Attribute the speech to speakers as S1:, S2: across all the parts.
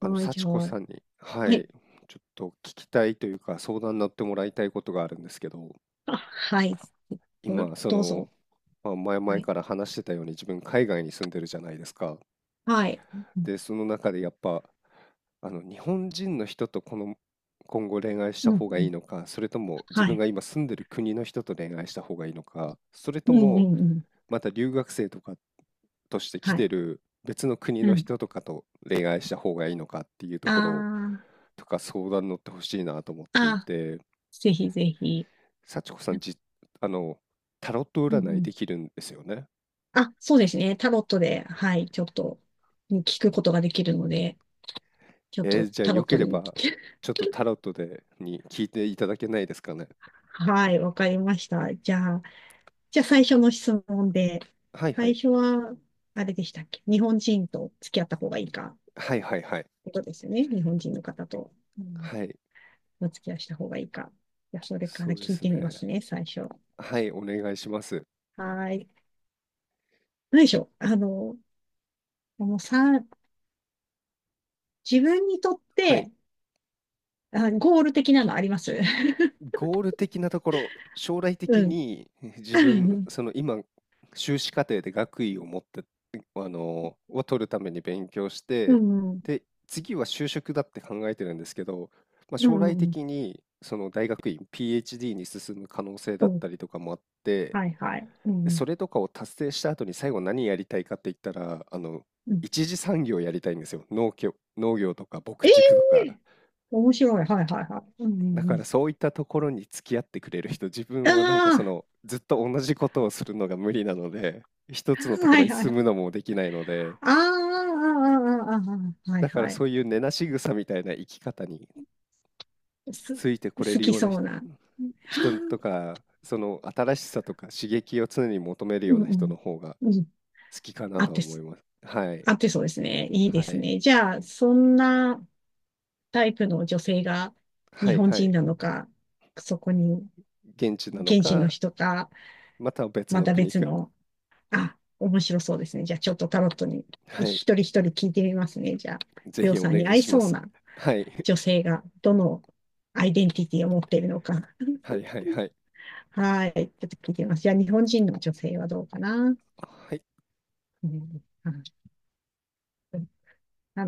S1: はい、じ
S2: 幸
S1: ゃ
S2: 子
S1: あ、
S2: さんに、は
S1: はい。
S2: い、ちょっと聞きたいというか、相談になってもらいたいことがあるんですけど、
S1: あ、はい。ど
S2: 今、
S1: どうぞ。
S2: まあ、前
S1: は
S2: 々
S1: い。
S2: から話してたように、自分、海外に住んでるじゃないですか。
S1: はい。うん、
S2: で、その中でやっぱ、日本人の人とこの、今後恋愛した
S1: うん、
S2: 方が
S1: う
S2: いい
S1: ん。
S2: のか、それとも自
S1: は
S2: 分
S1: い。
S2: が今住んでる国の人と恋愛した方がいいのか、それ
S1: う
S2: と
S1: ん、う
S2: も
S1: ん、うん。
S2: また留学生とかとして来
S1: は
S2: て
S1: い。
S2: る別の国
S1: う
S2: の
S1: ん。
S2: 人とかと恋愛した方がいいのかっていうところ
S1: あ
S2: とか相談乗ってほしいなと思っ
S1: あ、
S2: ていて、
S1: ぜひぜひ。
S2: 幸子さ
S1: う
S2: ん、あの、タロット
S1: ん、う
S2: 占いで
S1: ん。
S2: きるんですよね。
S1: あ、そうですね。タロットで、はい、ちょっと、ね聞くことができるので、ちょっと
S2: じゃあ
S1: タロ
S2: よ
S1: ッ
S2: け
S1: ト
S2: れ
S1: に。
S2: ば、ちょっとタロットでに聞いていただけないですかね。
S1: はい、わかりました。じゃあ、じゃあ最初の質問で、
S2: はいは
S1: 最
S2: い。
S1: 初は、あれでしたっけ、日本人と付き合った方がいいか、
S2: はいはいはい。
S1: ことですよね。日本人の方と。うん、
S2: はい。
S1: お付き合いした方がいいか。じゃ、それか
S2: そ
S1: ら
S2: うで
S1: 聞い
S2: す
S1: てみま
S2: ね。
S1: すね、最初。は
S2: はい、お願いします。
S1: ーい。何でしょう。もうさ、自分にとっ
S2: はい。
S1: て、あ、ゴール的なのあります？
S2: ゴール的なところ、将来 的
S1: うん。
S2: に自
S1: う
S2: 分、
S1: ん。
S2: その今、修士課程で学位を持って、を取るために勉強し
S1: う
S2: て、
S1: ん。う
S2: で、次は就職だって考えてるんですけど、まあ、
S1: ん。う
S2: 将来的
S1: ん。
S2: にその大学院、PhD に進む可能性だっ
S1: お、
S2: たりとかもあって、
S1: はいはい。う
S2: でそ
S1: ん。
S2: れとかを達成した後に最後何やりたいかって言ったら、
S1: うん。
S2: 一次産業やりたいんですよ。農業、農業とか牧
S1: え
S2: 畜と
S1: え
S2: か。
S1: ー、面白い。はいはいはい。うんうん
S2: だ
S1: う
S2: か
S1: ん。
S2: らそういったところに付き合ってくれる人、自分はなんかそ
S1: あ
S2: のずっと同じことをするのが無理なので、一
S1: あ
S2: つのと
S1: ー、
S2: こ
S1: は
S2: ろ
S1: い
S2: に
S1: は
S2: 住
S1: い。
S2: むのもできないので、
S1: ああ、ああ、ああ、ああ、はい
S2: だから
S1: はいはい、うんうん、あ、はいはい、ああああああああ、はいは
S2: そういう根なし草みたいな生き方に
S1: い、す、
S2: ついてこれ
S1: 好
S2: る
S1: き
S2: ような
S1: そう
S2: 人
S1: な。はあ、
S2: 人とか、その新しさとか刺激を常に求める
S1: う
S2: よう
S1: ん
S2: な
S1: う
S2: 人の
S1: ん。
S2: 方が
S1: うん。
S2: 好きかな
S1: あ
S2: と
S1: っ
S2: は
S1: て、
S2: 思います。はい。
S1: あ、で、そうですね。いいで
S2: は
S1: す
S2: い。
S1: ね。じゃあ、そんなタイプの女性が
S2: は
S1: 日
S2: い
S1: 本
S2: は
S1: 人
S2: い。
S1: なのか、そこに
S2: 現地なの
S1: 現地の
S2: か、
S1: 人か、
S2: または別
S1: ま
S2: の
S1: た
S2: 国
S1: 別
S2: か。
S1: の、あ、面白そうですね。じゃあ、ちょっとタロットに
S2: はい。
S1: 一人一人聞いてみますね。じゃあ、
S2: ぜ
S1: りょう
S2: ひお
S1: さん
S2: 願
S1: に
S2: い
S1: 合い
S2: しま
S1: そう
S2: す。
S1: な
S2: はい。
S1: 女 性がどのアイデンティティを持っているのか。
S2: はいはい はい。
S1: はい。ちょっと聞いてみます。じゃあ、日本人の女性はどうかな。
S2: はい。
S1: うん、ああ、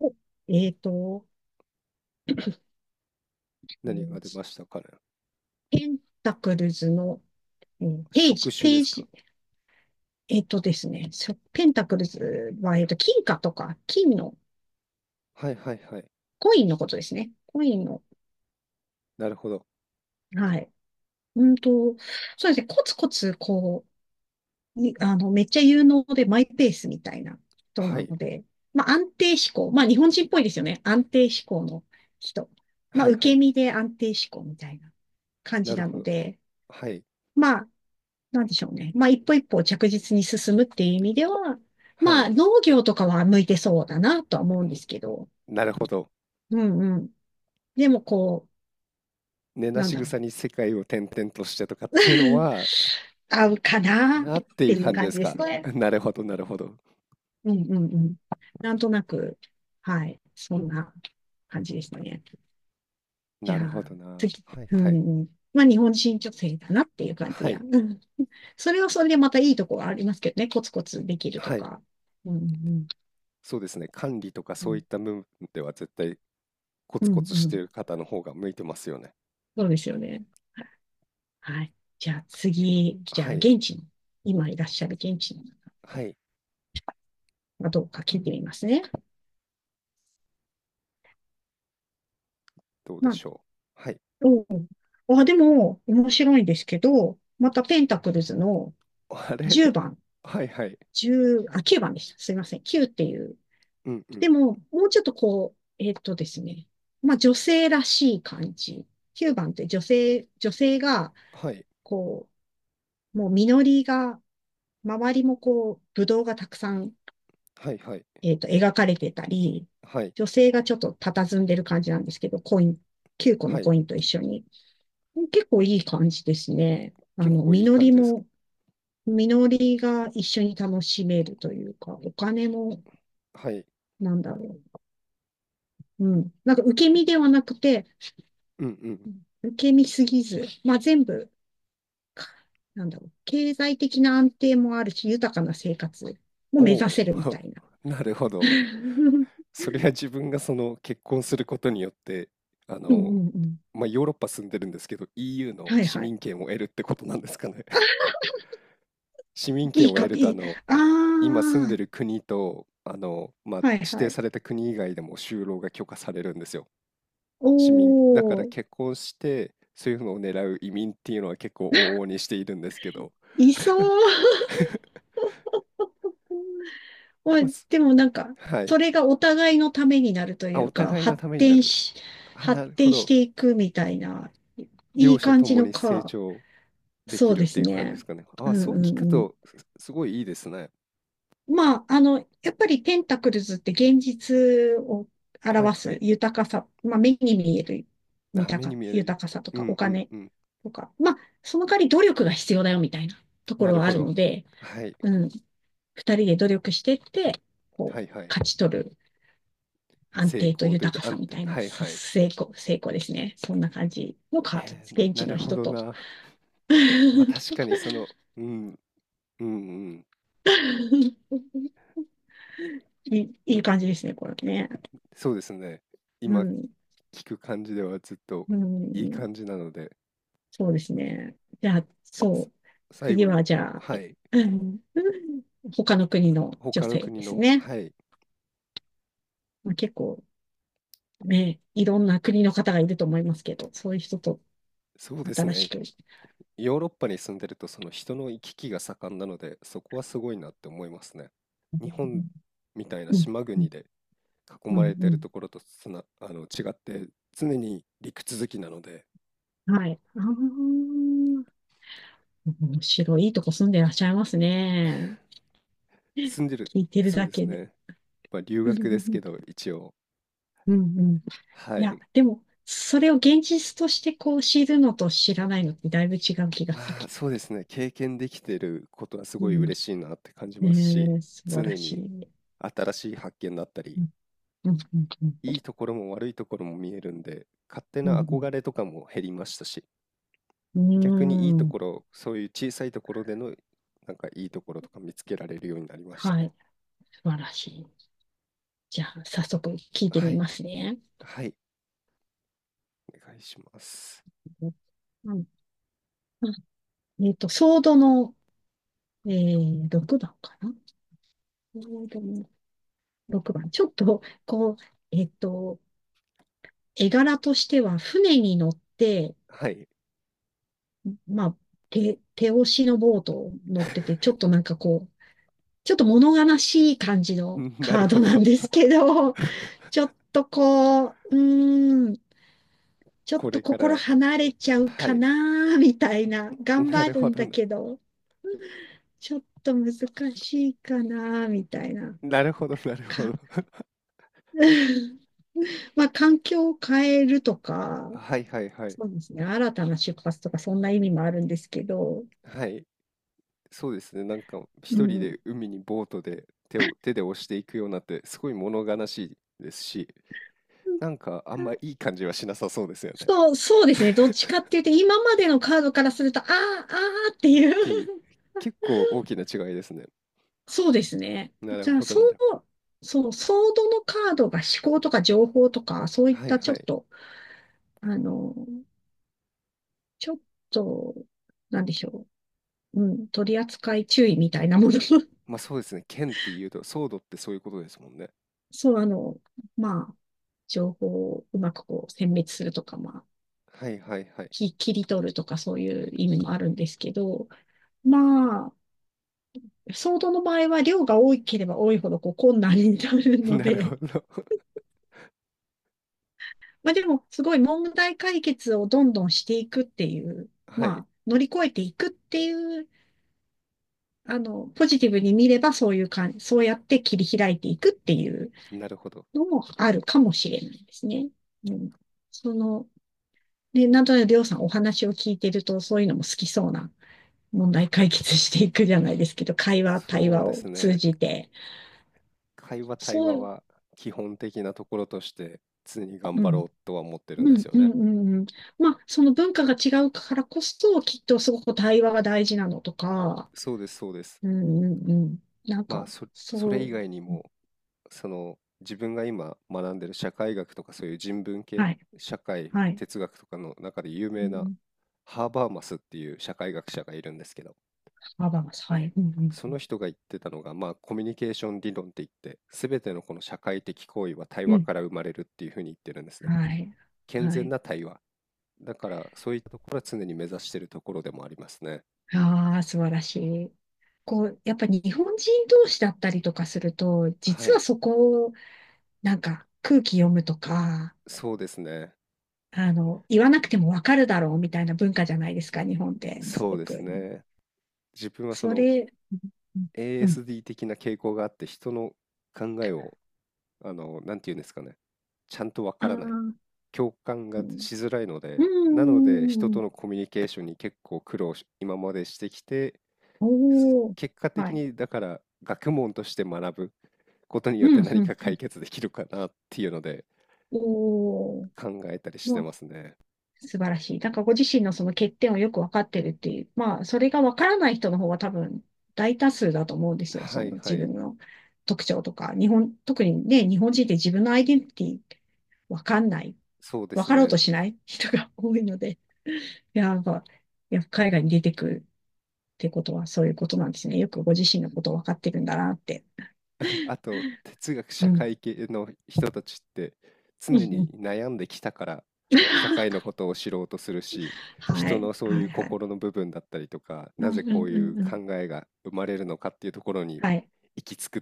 S1: お、えっと、え
S2: 何が出
S1: ー
S2: ましたかね。
S1: ペンタクルズの、うん、ペー
S2: 職
S1: ジ、ペ
S2: 種で
S1: ー
S2: すか。
S1: ジ、えっとですね、そ、ペンタクルズは、金貨とか、金の、
S2: はいはいはい。
S1: コインのことですね。コインの、
S2: なるほど。
S1: はい。うんと、そうですね、コツコツに、めっちゃ有能でマイペースみたいな人
S2: は
S1: なの
S2: い。
S1: で、まあ、安定志向。まあ、日本人っぽいですよね。安定志向の人。まあ、
S2: はい
S1: 受
S2: はい。
S1: け身で安定志向みたいな感
S2: な
S1: じ
S2: る
S1: な
S2: ほ
S1: の
S2: ど。
S1: で、
S2: はい。
S1: まあ、なんでしょうね。まあ、一歩一歩着実に進むっていう意味では、
S2: は
S1: まあ、
S2: い。
S1: 農業とかは向いてそうだなとは思うんですけど、
S2: なるほど。
S1: うんうん。でも、こ
S2: 根
S1: う、
S2: な
S1: なん
S2: し
S1: だろう。
S2: 草に世界を転々としてとかっていうの は、
S1: 合うかなっ
S2: なってい
S1: て
S2: う
S1: いう
S2: 感じで
S1: 感じ
S2: す
S1: です
S2: か。
S1: ね。
S2: なるほどなるほど。
S1: うんうんうん。なんとなく、はい、そんな感じですね。じ
S2: な
S1: ゃ
S2: るほ
S1: あ、
S2: どな。
S1: 次、
S2: はい
S1: う
S2: は
S1: ん
S2: い。
S1: うん。まあ、日本人女性だなっていう感じ
S2: は
S1: や。
S2: い。
S1: うん。それはそれでまたいいとこはありますけどね。コツコツできると
S2: はい。
S1: か。うんうん
S2: そうですね。管理とか
S1: う
S2: そういっ
S1: ん。
S2: た部分では絶対コ
S1: う
S2: ツコ
S1: ん
S2: ツ
S1: う
S2: してる
S1: ん、
S2: 方の方が向いてますよね。
S1: そうですよね。はい。じゃあ次、じゃ
S2: は
S1: あ
S2: い。
S1: 現地に、今いらっしゃる現地の方が
S2: はい。
S1: どうか聞いてみますね。
S2: どうで
S1: まあ、
S2: しょう。はい。
S1: おう、あ、でも、面白いですけど、またペンタクルズの
S2: あれ
S1: 10 番、
S2: はいはい。
S1: 1、あ、9番でした。すいません。9っていう。
S2: うんうん。
S1: でも、もうちょっとこう、ですね。まあ、女性らしい感じ。9番って女性が、
S2: はい。
S1: こう、もう実りが、周りもこう、ぶどうがたくさん、
S2: はいはい。
S1: 描かれてたり、
S2: はい、
S1: 女性がちょっと佇んでる感じなんですけど、コイン、9個
S2: は
S1: の
S2: い。
S1: コインと一緒に。結構いい感じですね。
S2: 結構いい
S1: 実
S2: 感
S1: り
S2: じです。
S1: も、実りが一緒に楽しめるというか、お金も、
S2: はい。
S1: なんだろう。うん。なんか受け身ではなくて、
S2: うんうん。
S1: 受け身すぎず、まあ全部、か、なんだろう。経済的な安定もあるし、豊かな生活も
S2: お
S1: 目指せるみ
S2: お、
S1: たいな。
S2: なるほ ど。
S1: うん
S2: それは自分がその結婚することによって、あ
S1: う
S2: の、
S1: んうん。
S2: ヨーロッパ住んでるんですけど、EU の
S1: はい
S2: 市
S1: はい。
S2: 民権を得るってことなんですかね。市民
S1: い
S2: 権
S1: い
S2: を得
S1: か、
S2: ると、
S1: いい。あ
S2: 今住んで
S1: あ、
S2: る国と、
S1: はい
S2: 指
S1: は
S2: 定
S1: い。
S2: された国以外でも就労が許可されるんですよ。市民だから
S1: おー、
S2: 結婚して、そういうのを狙う移民っていうのは結構往々にしているんですけど。
S1: いそう。まあ、
S2: まあ
S1: でもなんか、
S2: は
S1: そ
S2: い。
S1: れがお互いのためになると
S2: あ、
S1: いう
S2: お
S1: か、
S2: 互いの
S1: 発
S2: ためにな
S1: 展
S2: る。
S1: し、
S2: あ、
S1: 発
S2: なるほ
S1: 展し
S2: ど。
S1: ていくみたいな、い
S2: 両
S1: い
S2: 者
S1: 感
S2: と
S1: じ
S2: も
S1: の
S2: に成
S1: か。
S2: 長で
S1: そ
S2: き
S1: う
S2: るっ
S1: で
S2: て
S1: す
S2: いう感じで
S1: ね。
S2: すかね。
S1: う
S2: あ、
S1: ん
S2: そう聞く
S1: うん、
S2: と、すごいいいですね。
S1: まあ、やっぱりテンタクルズって現実を
S2: はい
S1: 表
S2: は
S1: す
S2: い。
S1: 豊かさ、まあ、目に見える
S2: あ、目
S1: 豊
S2: に
S1: か、
S2: 見えるよ
S1: 豊かさと
S2: う
S1: かお
S2: んうん
S1: 金
S2: うん。
S1: とか、まあ、その代わり努力が必要だよみたいなとこ
S2: な
S1: ろ
S2: る
S1: はあ
S2: ほ
S1: るの
S2: ど。
S1: で、
S2: はい。
S1: うん、二人で努力してって、こう、
S2: はいはい。
S1: 勝ち取る安
S2: 成
S1: 定と
S2: 功という
S1: 豊
S2: か、
S1: かさ
S2: 安
S1: み
S2: 定。
S1: たいな、
S2: はい
S1: す、
S2: はい。
S1: 成功ですね。そんな感じのカードです。現
S2: な
S1: 地
S2: る
S1: の
S2: ほ
S1: 人
S2: ど
S1: と。
S2: な。まあ確かにその、うん、うんうん。
S1: いい、いい感じですね、これね。
S2: そうですね。
S1: う
S2: 今
S1: ん、
S2: 聞く感じではずっと
S1: う
S2: いい
S1: ん、
S2: 感じなので、
S1: そうですね。じゃあ、
S2: さ
S1: そう。
S2: 最
S1: 次
S2: 後に、
S1: は、じゃあ、
S2: は
S1: え、
S2: い。
S1: 他の国の女
S2: 他の
S1: 性
S2: 国
S1: です
S2: の、
S1: ね。
S2: はい。
S1: まあ、結構、ね、いろんな国の方がいると思いますけど、そういう人と
S2: そうです
S1: 新し
S2: ね。
S1: く。
S2: ヨーロッパに住んでるとその人の行き来が盛んなのでそこはすごいなって思いますね。日本みたいな
S1: うん、
S2: 島
S1: う
S2: 国
S1: ん、
S2: で囲
S1: う
S2: まれ
S1: ん、う
S2: てる
S1: ん、
S2: ところと違って常に陸続きなので
S1: はい。ああ、面白い。いいとこ住んでらっしゃいますね。
S2: 住んでる、
S1: 聞いてる
S2: そう
S1: だ
S2: です
S1: けで。
S2: ね。まあ留
S1: う
S2: 学ですけ
S1: ん、
S2: ど一応。
S1: うん、うん。
S2: は
S1: いや、
S2: い。
S1: でも、それを現実としてこう知るのと知らないのってだいぶ違う気がする。
S2: まあそうですね。経験できてることはす
S1: う
S2: ごい
S1: ん、
S2: 嬉しいなって感じますし、
S1: ねえ、素晴ら
S2: 常
S1: し
S2: に
S1: い。
S2: 新しい発見だった
S1: う
S2: り、
S1: ん、うん、
S2: いいところも悪いところも見えるんで、勝手
S1: うん、
S2: な
S1: う
S2: 憧
S1: ん。
S2: れとかも減りましたし、
S1: う
S2: 逆にいい
S1: ん
S2: と
S1: う
S2: こ
S1: ん、
S2: ろ、そういう小さいところでの、なんかいいところとか見つけられるようになりました
S1: は
S2: ね。
S1: い、素晴らしい。じゃあ、早速聞いて
S2: は
S1: み
S2: い、
S1: ますね。
S2: はい、お願いします。
S1: うん、あ、ソードの、6番かな、ソードの6番。ちょっと、こう、えっと、絵柄としては、船に乗って、
S2: はい、
S1: まあ、手、手押しのボートを乗ってて、ちょっとなんかこう、ちょっと物悲しい感じ の
S2: なる
S1: カード
S2: ほ
S1: なん
S2: ど。
S1: ですけど、ちょっとこう、ちょっ
S2: こ
S1: と
S2: れか
S1: 心
S2: ら、
S1: 離れちゃう
S2: は
S1: か
S2: い、
S1: な、みたいな。頑
S2: な
S1: 張
S2: る
S1: る
S2: ほ
S1: ん
S2: ど
S1: だ
S2: な、
S1: けど、ちょっと難しいかな、みたいな。
S2: なるほどなるほ
S1: か、
S2: ど。
S1: まあ、環境を変えるとか、
S2: はいはいはい、
S1: そうですね。新たな出発とか、そんな意味もあるんですけど、
S2: はい、そうですね、なんか
S1: う
S2: 一人で
S1: ん。
S2: 海にボートで手を手で押していくようになってすごい物悲しいですし、なんかあんまいい感じはしなさそうですよね。
S1: そう、そうですね。どっちかっていう と、今までのカードからすると、ああ、ああって
S2: っ
S1: いう、
S2: ていう、結構大きな違いですね。
S1: そうですね。
S2: なる
S1: じゃあ、
S2: ほど、
S1: そ
S2: なる
S1: う、そう、ソードのカードが思考とか情報とか、そうい
S2: ほ
S1: っ
S2: ど。はい
S1: たちょ
S2: は
S1: っ
S2: い。
S1: と、あの、ちょっと、なんでしょう。うん、取り扱い注意みたいなもの。
S2: まあそうですね。剣って言うと、ソードってそういうことですもんね。
S1: そう、まあ、情報をうまくこう、選別するとか、まあ、
S2: はいはいはい。
S1: き、切り取るとか、そういう意味もあるんですけど、まあ、ソードの場合は量が多ければ多いほどこう困難になる の
S2: なるほ
S1: で、
S2: ど。
S1: まあでも、すごい問題解決をどんどんしていくっていう、
S2: は
S1: ま
S2: い。
S1: あ、乗り越えていくっていう、ポジティブに見ればそういう感じ、そうやって切り開いていくっていう
S2: なるほど。
S1: のもあるかもしれないですね。うん。その、ね、なんとなくりょうさんお話を聞いてると、そういうのも好きそうな、問題解決していくじゃないですけど、会話、対
S2: そう
S1: 話
S2: で
S1: を
S2: す
S1: 通
S2: ね。
S1: じて、
S2: 会話、対
S1: そ
S2: 話
S1: う、
S2: は基本的なところとして常に頑
S1: う
S2: 張ろう
S1: ん。
S2: とは思ってるん
S1: う
S2: で
S1: ん、
S2: すよ
S1: うん、
S2: ね。
S1: うんうん。まあ、その文化が違うからこそ、きっとすごく対話が大事なのとか、
S2: そうです、そうです。
S1: うんうんうん。なん
S2: まあ
S1: か、
S2: それ
S1: そ
S2: 以外に
S1: う。
S2: も、その自分が今学んでる社会学とかそういう人文系、
S1: はい。
S2: 社会、
S1: はい。
S2: 哲学とかの中で有
S1: う
S2: 名な
S1: ん、
S2: ハーバーマスっていう社会学者がいるんですけど、
S1: 幅が、はい。うんうん
S2: そ
S1: う
S2: の
S1: ん。
S2: 人が言ってたのが、まあ、コミュニケーション理論って言って、すべてのこの社会的行為は対
S1: う
S2: 話
S1: ん。
S2: から生まれるっていうふうに言ってるんですね。
S1: はい。
S2: 健
S1: は
S2: 全
S1: い。
S2: な対話。だから、そういったところは常に目指しているところでもありますね。
S1: ああ、素晴らしい。こう、やっぱ日本人同士だったりとかすると、
S2: は
S1: 実は
S2: い。
S1: そこを、なんか空気読むとか、
S2: そうですね。
S1: 言わなくてもわかるだろうみたいな文化じゃないですか、日本って。す
S2: そう
S1: ご
S2: です
S1: く。
S2: ね。自分はそ
S1: そ
S2: の
S1: れ、うんうん。
S2: ASD 的な傾向があって、人の考えを、なんて言うんですかね。ちゃんとわ
S1: あ
S2: か
S1: あ
S2: らない。
S1: ー、
S2: 共感
S1: う
S2: がしづらいの
S1: ん。
S2: で、なの
S1: う
S2: で人
S1: ん。
S2: とのコミュニケーションに結構苦労し、今までしてきて、
S1: おお。
S2: 結果
S1: は
S2: 的
S1: い。
S2: にだから学問として学ぶことに
S1: う
S2: よって
S1: ん、う
S2: 何
S1: ん、
S2: か
S1: うん。
S2: 解決できるかなっていうので
S1: おお、
S2: 考えたりし
S1: ま
S2: て
S1: あ、
S2: ますね。
S1: 素晴らしい。なんかご自身のその欠点をよくわかってるっていう、まあ、それがわからない人の方が多分大多数だと思うんですよ。
S2: は
S1: そ
S2: い
S1: の
S2: は
S1: 自
S2: い、
S1: 分の特徴とか、日本、特にね、日本人って自分のアイデンティティわかんない、
S2: そうで
S1: わ
S2: す
S1: かろうと
S2: ね。
S1: しない人が多いので、いや、なんか、いや、海外に出てくるってことはそういうことなんですね。よくご自身のことをわかってるんだなって。
S2: あと哲学
S1: う
S2: 社
S1: ん。
S2: 会系の人たちって
S1: う
S2: 常
S1: んう
S2: に
S1: ん。
S2: 悩んできたから社会の ことを知ろうとするし、
S1: は
S2: 人
S1: い、
S2: のそう
S1: は
S2: いう
S1: い、は
S2: 心
S1: い。
S2: の部分だったりとか、
S1: う
S2: な
S1: ん
S2: ぜ
S1: うん
S2: こう
S1: う
S2: いう
S1: んう
S2: 考
S1: ん。
S2: えが生まれるのかっていうところに
S1: はい。
S2: 行き着くっ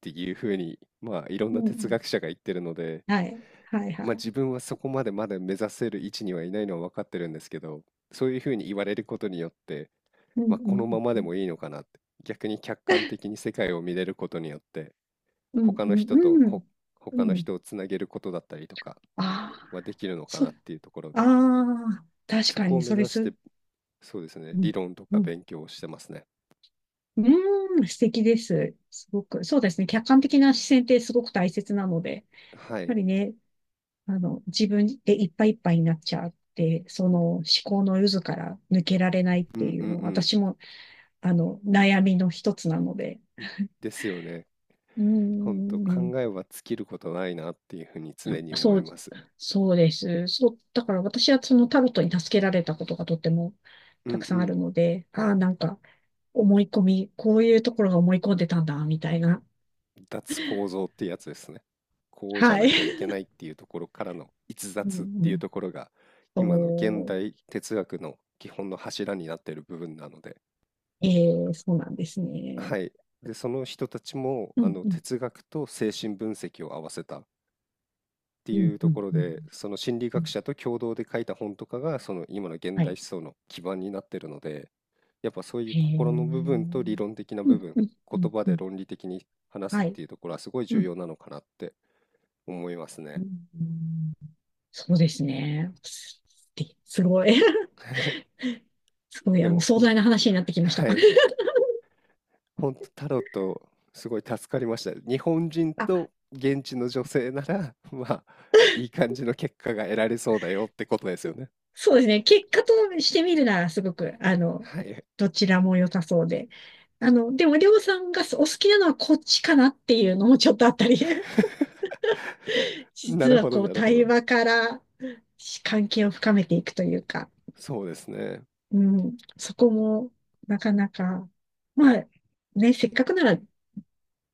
S2: ていうふうに、まあいろん
S1: うん
S2: な
S1: う
S2: 哲
S1: ん、
S2: 学者が言ってるので、
S1: はい。はいは
S2: まあ、
S1: い。
S2: 自分はそこまでまだ目指せる位置にはいないのは分かってるんですけど、そういうふうに言われることによって、
S1: うん
S2: まあ、
S1: う
S2: このま
S1: ん
S2: ま
S1: う
S2: で
S1: ん。
S2: もいいのかなって、逆に客観的に世界を見れることによって、
S1: うん
S2: 他
S1: う
S2: の人と
S1: んうん。
S2: ほ
S1: う
S2: 他の
S1: ん。
S2: 人をつなげることだったりとか
S1: ああ、
S2: はできるのか
S1: そう。
S2: なっていうところ
S1: あ
S2: で、
S1: あ、確
S2: そ
S1: か
S2: こを
S1: に、
S2: 目
S1: それ
S2: 指して、
S1: す、
S2: そうですね、
S1: う
S2: 理
S1: ん。
S2: 論と
S1: う
S2: か
S1: ん。
S2: 勉強をしてますね。
S1: うーん、素敵です。すごく。そうですね。客観的な視線ってすごく大切なので、やっ
S2: は
S1: ぱ
S2: い。
S1: りね、自分でいっぱいいっぱいになっちゃって、その思考の渦から抜けられないっ
S2: う
S1: て
S2: ん
S1: い
S2: う
S1: う
S2: んう
S1: の、
S2: ん。
S1: 私も、悩みの一つなので、
S2: ですよね。
S1: う
S2: ほんと
S1: ーん。
S2: 考えは尽きることないなっていうふうに常に思
S1: そ
S2: い
S1: う、
S2: ます。
S1: そうです。そう、だから私はそのタロットに助けられたことがとっても
S2: う
S1: た
S2: ん
S1: く
S2: う
S1: さんあ
S2: ん。
S1: るので、ああ、なんか思い込み、こういうところが思い込んでたんだ、みたいな。
S2: 脱構造ってやつですね。こうじゃ
S1: は
S2: な
S1: い。
S2: きゃいけないっていうところからの逸
S1: う
S2: 脱っ
S1: ん
S2: て
S1: う
S2: いう
S1: ん、
S2: ところが今の現
S1: そ
S2: 代哲学の基本の柱になっている部分なので、
S1: う、そうなんですね。
S2: はい。で、その人たちも
S1: う
S2: あ
S1: ん
S2: の
S1: うん、
S2: 哲学と精神分析を合わせたって
S1: う
S2: い
S1: ん、
S2: う
S1: う
S2: とこ
S1: ん、
S2: ろ
S1: う
S2: で、
S1: ん。
S2: その心理
S1: う
S2: 学
S1: ん、
S2: 者と共同で書いた本とかがその今の現
S1: は
S2: 代
S1: い。
S2: 思想の基盤になっているので、やっぱそういう
S1: へえ。う
S2: 心の部分と理
S1: ん、
S2: 論的な
S1: う
S2: 部
S1: ん、
S2: 分、
S1: う
S2: 言
S1: ん、
S2: 葉
S1: う
S2: で
S1: ん。
S2: 論理的に話す
S1: は
S2: っ
S1: い。
S2: ていうところはすごい
S1: う
S2: 重
S1: ん、
S2: 要なのかなって思います
S1: う
S2: ね。
S1: ん、うん、そうですね。す、す、すごい。すごい、
S2: でもほ
S1: 壮
S2: ん
S1: 大な話になってき ました。
S2: は い、本当タロットすごい助かりました。日本人と
S1: あ、
S2: 現地の女性なら、まあ、いい感じの結果が得られそうだよってことですよね。
S1: そうですね。結果としてみるなら、すごく、
S2: はい。
S1: どちらも良さそうで。でも、りょうさんがお好きなのはこっちかなっていうのもちょっとあったり。
S2: な
S1: 実
S2: る
S1: は、
S2: ほど
S1: こう、
S2: なるほ
S1: 対
S2: ど。
S1: 話から関係を深めていくというか、
S2: そうですね。
S1: うん、そこも、なかなか、まあ、ね、せっかくなら、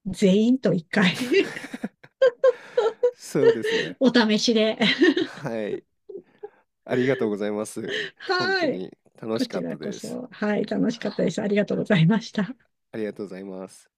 S1: 全員と一回
S2: そうですね。
S1: お試しで。
S2: はい。ありがとうございます。本当
S1: はい。
S2: に楽
S1: こ
S2: しか
S1: ち
S2: った
S1: らこ
S2: です。
S1: そ、はい、楽しかったです。ありがとうございました。
S2: ありがとうございます。